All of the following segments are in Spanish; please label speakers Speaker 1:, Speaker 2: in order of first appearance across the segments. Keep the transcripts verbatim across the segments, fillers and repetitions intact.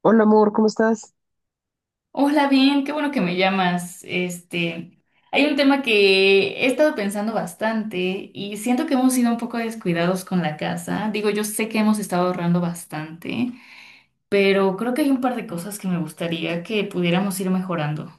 Speaker 1: Hola amor, ¿cómo estás?
Speaker 2: Hola, bien, qué bueno que me llamas. Este, hay un tema que he estado pensando bastante y siento que hemos sido un poco descuidados con la casa. Digo, yo sé que hemos estado ahorrando bastante, pero creo que hay un par de cosas que me gustaría que pudiéramos ir mejorando.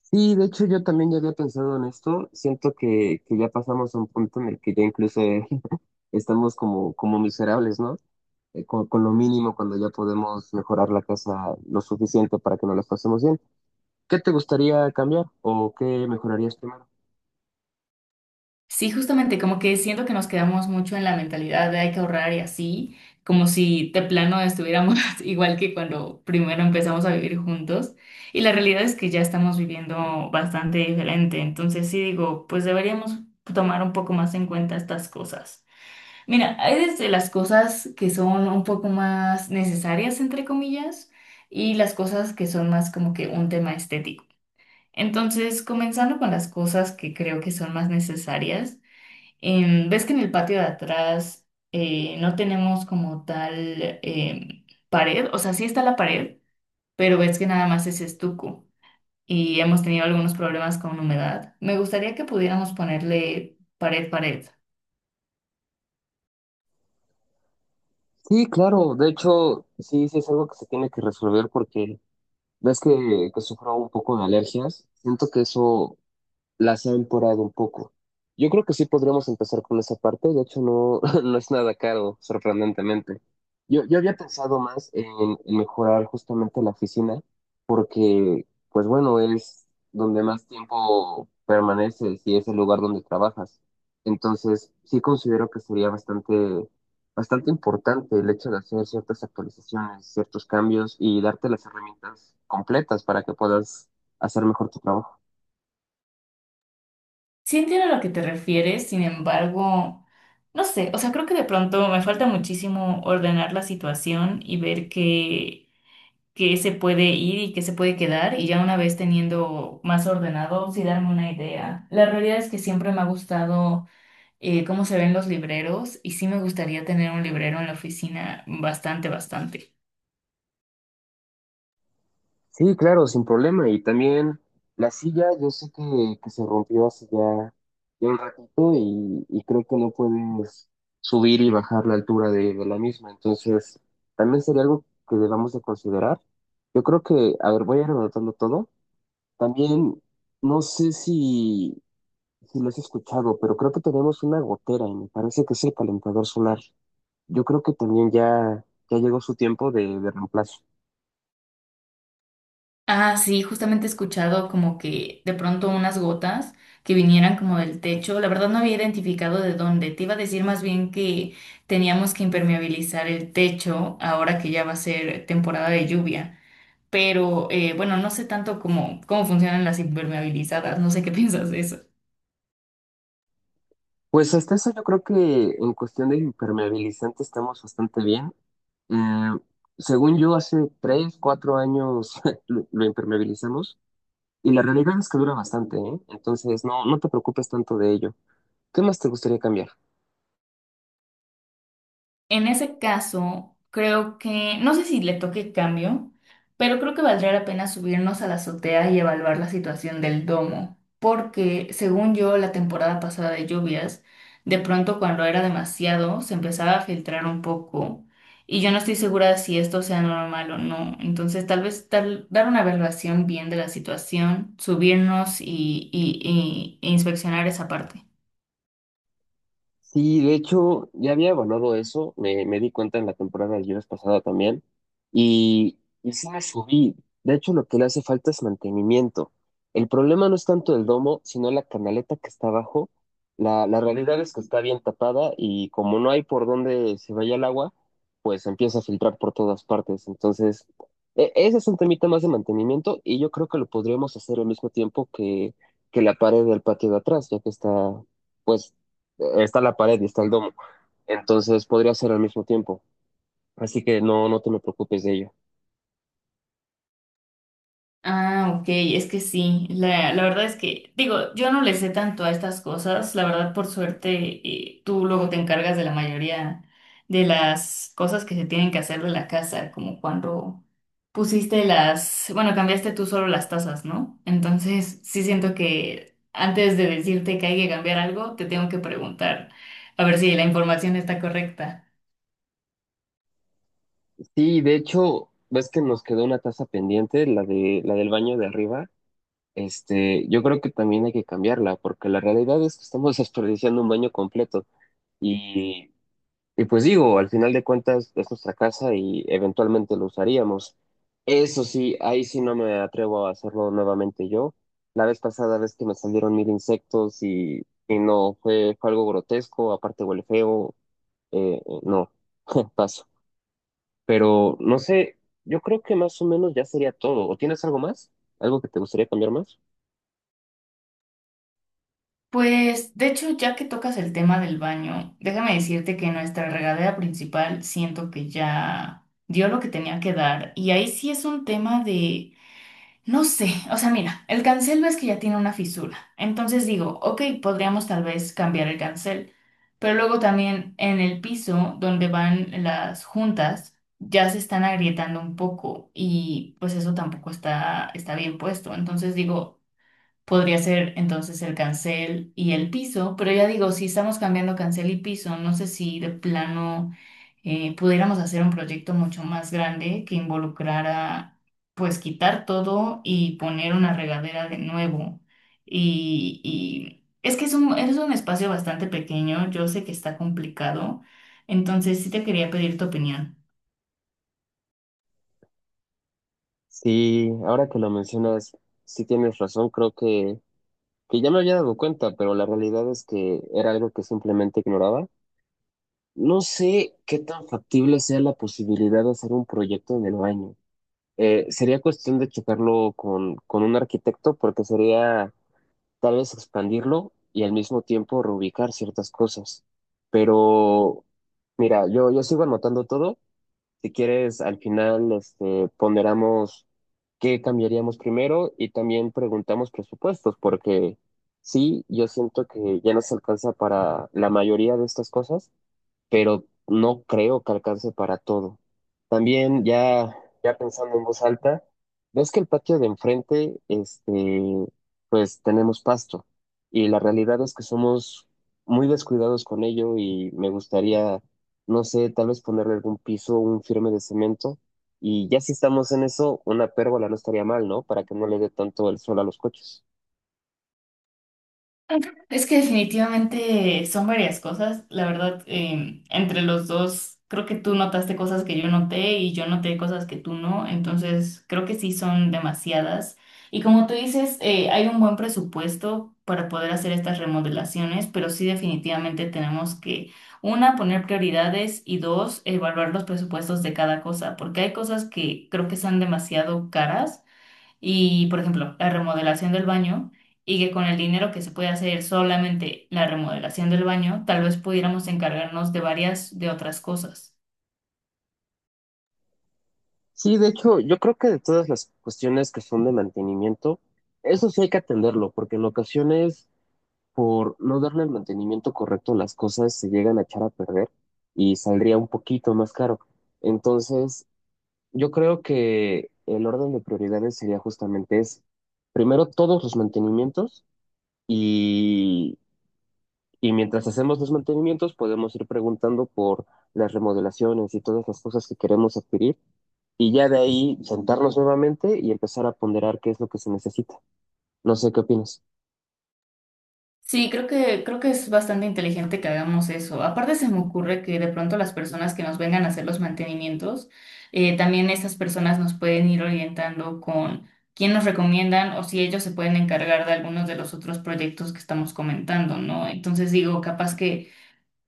Speaker 1: Sí, de hecho yo también ya había pensado en esto. Siento que, que ya pasamos a un punto en el que ya incluso eh, estamos como, como miserables, ¿no? Eh, con, con lo mínimo cuando ya podemos mejorar la casa lo suficiente para que nos las pasemos bien. ¿Qué te gustaría cambiar o qué mejorarías primero?
Speaker 2: Sí, justamente, como que siento que nos quedamos mucho en la mentalidad de hay que ahorrar y así, como si de plano estuviéramos igual que cuando primero empezamos a vivir juntos. Y la realidad es que ya estamos viviendo bastante diferente. Entonces sí digo, pues deberíamos tomar un poco más en cuenta estas cosas. Mira, hay desde las cosas que son un poco más necesarias, entre comillas, y las cosas que son más como que un tema estético. Entonces, comenzando con las cosas que creo que son más necesarias. En- ves que en el patio de atrás eh, no tenemos como tal em, pared, o sea, sí está la pared, pero ves que nada más es estuco y hemos tenido algunos problemas con humedad. Me gustaría que pudiéramos ponerle pared, pared.
Speaker 1: Sí, claro, de hecho sí, sí es algo que se tiene que resolver porque ves que, que sufro un poco de alergias. Siento que eso las ha empeorado un poco. Yo creo que sí podríamos empezar con esa parte, de hecho no, no es nada caro, sorprendentemente. Yo, yo había pensado más en, en mejorar justamente la oficina, porque, pues bueno, es donde más tiempo permaneces y es el lugar donde trabajas. Entonces, sí considero que sería bastante, bastante importante el hecho de hacer ciertas actualizaciones, ciertos cambios y darte las herramientas completas para que puedas hacer mejor tu trabajo.
Speaker 2: Sí, entiendo a lo que te refieres, sin embargo, no sé, o sea, creo que de pronto me falta muchísimo ordenar la situación y ver que que se puede ir y que se puede quedar y ya una vez teniendo más ordenado, sí darme una idea. La realidad es que siempre me ha gustado eh, cómo se ven los libreros y sí me gustaría tener un librero en la oficina bastante, bastante.
Speaker 1: Sí, claro, sin problema. Y también la silla, yo sé que, que se rompió hace ya, ya un ratito y, y creo que no puedes subir y bajar la altura de, de la misma. Entonces, también sería algo que debamos de considerar. Yo creo que, a ver, voy a ir anotando todo. También, no sé si, si lo has escuchado, pero creo que tenemos una gotera y me parece que es el calentador solar. Yo creo que también ya, ya llegó su tiempo de de reemplazo.
Speaker 2: Ah, sí, justamente he escuchado como que de pronto unas gotas que vinieran como del techo. La verdad no había identificado de dónde. Te iba a decir más bien que teníamos que impermeabilizar el techo ahora que ya va a ser temporada de lluvia. Pero eh, bueno, no sé tanto cómo, cómo funcionan las impermeabilizadas, no sé qué piensas de eso.
Speaker 1: Pues hasta eso yo creo que en cuestión de impermeabilizante estamos bastante bien. Eh, según yo, hace tres, cuatro años lo, lo impermeabilizamos y la realidad es que dura bastante, ¿eh? Entonces no, no te preocupes tanto de ello. ¿Qué más te gustaría cambiar?
Speaker 2: En ese caso, creo que, no sé si le toque cambio, pero creo que valdría la pena subirnos a la azotea y evaluar la situación del domo, porque según yo, la temporada pasada de lluvias, de pronto cuando era demasiado, se empezaba a filtrar un poco y yo no estoy segura si esto sea normal o no. Entonces, tal vez tal- dar una evaluación bien de la situación, subirnos y, y y- e inspeccionar esa parte.
Speaker 1: Sí, de hecho, ya había evaluado eso, me, me di cuenta en la temporada de viernes pasada también, y, y sí me subí. De hecho, lo que le hace falta es mantenimiento. El problema no es tanto el domo, sino la canaleta que está abajo. La, la realidad es que está bien tapada y como no hay por dónde se vaya el agua, pues empieza a filtrar por todas partes. Entonces, e- ese es un temita más de mantenimiento y yo creo que lo podríamos hacer al mismo tiempo que, que la pared del patio de atrás, ya que está, pues está la pared y está el domo. Entonces podría ser al mismo tiempo. Así que no, no te me preocupes de ello.
Speaker 2: Ah, ok, es que sí, la, la verdad es que, digo, yo no le sé tanto a estas cosas, la verdad por suerte eh, tú luego te encargas de la mayoría de las cosas que se tienen que hacer de la casa, como cuando pusiste las, bueno, cambiaste tú solo las tazas, ¿no? Entonces sí siento que antes de decirte que hay que cambiar algo, te tengo que preguntar a ver si la información está correcta.
Speaker 1: Sí, de hecho, ves que nos quedó una taza pendiente, la de, la del baño de arriba. Este, yo creo que también hay que cambiarla, porque la realidad es que estamos desperdiciando un baño completo. Y y pues digo, al final de cuentas es nuestra casa y eventualmente lo usaríamos. Eso sí, ahí sí no me atrevo a hacerlo nuevamente yo. La vez pasada, ves que me salieron mil insectos y, y no, fue, fue algo grotesco, aparte huele feo, eh, eh, no, paso. Pero no sé, yo creo que más o menos ya sería todo. ¿O tienes algo más? ¿Algo que te gustaría cambiar más?
Speaker 2: Pues, de hecho, ya que tocas el tema del baño, déjame decirte que nuestra regadera principal siento que ya dio lo que tenía que dar. Y ahí sí es un tema de, no sé, o sea, mira, el cancel ves que ya tiene una fisura. Entonces digo, ok, podríamos tal vez cambiar el cancel. Pero luego también en el piso donde van las juntas, ya se están agrietando un poco y pues eso tampoco está, está bien puesto. Entonces digo... Podría ser entonces el cancel y el piso, pero ya digo, si estamos cambiando cancel y piso, no sé si de plano eh, pudiéramos hacer un proyecto mucho más grande que involucrara, pues quitar todo y poner una regadera de nuevo. Y, y es que es un, es un espacio bastante pequeño, yo sé que está complicado, entonces sí te quería pedir tu opinión.
Speaker 1: Sí, ahora que lo mencionas, sí tienes razón, creo que que ya me había dado cuenta, pero la realidad es que era algo que simplemente ignoraba. No sé qué tan factible sea la posibilidad de hacer un proyecto en el baño. Eh, sería cuestión de checarlo con, con un arquitecto porque sería tal vez expandirlo y al mismo tiempo reubicar ciertas cosas. Pero mira, yo, yo sigo anotando todo si quieres, al final, este, ponderamos qué cambiaríamos primero y también preguntamos presupuestos, porque sí, yo siento que ya nos alcanza para la mayoría de estas cosas, pero no creo que alcance para todo. También ya, ya pensando en voz alta, ves que el patio de enfrente, este, pues tenemos pasto y la realidad es que somos muy descuidados con ello y me gustaría, no sé, tal vez ponerle algún piso, un firme de cemento y ya si estamos en eso, una pérgola no estaría mal, ¿no? Para que no le dé tanto el sol a los coches.
Speaker 2: Es que definitivamente son varias cosas. La verdad, eh, entre los dos, creo que tú notaste cosas que yo noté y yo noté cosas que tú no. Entonces, creo que sí son demasiadas. Y como tú dices, eh, hay un buen presupuesto para poder hacer estas remodelaciones, pero sí definitivamente tenemos que, una, poner prioridades y dos, evaluar los presupuestos de cada cosa, porque hay cosas que creo que son demasiado caras y, por ejemplo, la remodelación del baño, y que con el dinero que se puede hacer solamente la remodelación del baño, tal vez pudiéramos encargarnos de varias de otras cosas.
Speaker 1: Sí, de hecho, yo creo que de todas las cuestiones que son de mantenimiento, eso sí hay que atenderlo, porque en ocasiones, por no darle el mantenimiento correcto, las cosas se llegan a echar a perder y saldría un poquito más caro. Entonces, yo creo que el orden de prioridades sería justamente ese. Primero, todos los mantenimientos y mientras hacemos los mantenimientos, podemos ir preguntando por las remodelaciones y todas las cosas que queremos adquirir. Y ya de ahí sentarnos nuevamente y empezar a ponderar qué es lo que se necesita. No sé qué opinas.
Speaker 2: Sí, creo que, creo que es bastante inteligente que hagamos eso. Aparte se me ocurre que de pronto las personas que nos vengan a hacer los mantenimientos, eh, también esas personas nos pueden ir orientando con quién nos recomiendan o si ellos se pueden encargar de algunos de los otros proyectos que estamos comentando, ¿no? Entonces digo, capaz que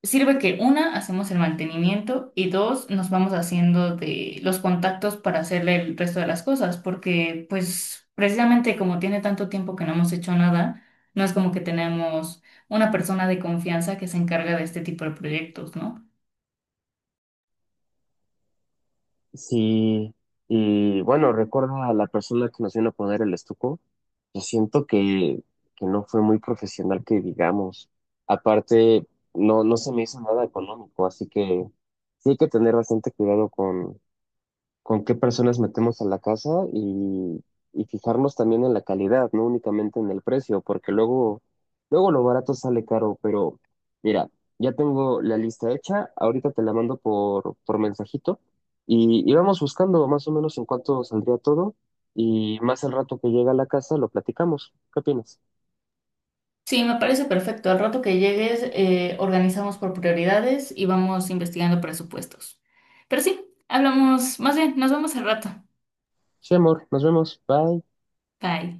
Speaker 2: sirve que una, hacemos el mantenimiento y dos, nos vamos haciendo de los contactos para hacerle el resto de las cosas, porque pues precisamente como tiene tanto tiempo que no hemos hecho nada, no es como que tenemos una persona de confianza que se encarga de este tipo de proyectos, ¿no?
Speaker 1: Sí, y bueno, recuerda a la persona que nos vino a poner el estuco. Yo siento que, que no fue muy profesional, que digamos. Aparte, no, no se me hizo nada económico, así que sí hay que tener bastante cuidado con, con qué personas metemos a la casa y, y fijarnos también en la calidad, no únicamente en el precio, porque luego, luego lo barato sale caro, pero mira, ya tengo la lista hecha, ahorita te la mando por, por mensajito y, y vamos buscando más o menos en cuánto saldría todo y más al rato que llega a la casa lo platicamos. ¿Qué opinas?
Speaker 2: Sí, me parece perfecto. Al rato que llegues, eh, organizamos por prioridades y vamos investigando presupuestos. Pero sí, hablamos, más bien, nos vemos al rato.
Speaker 1: Sí, amor, nos vemos, bye.
Speaker 2: Bye.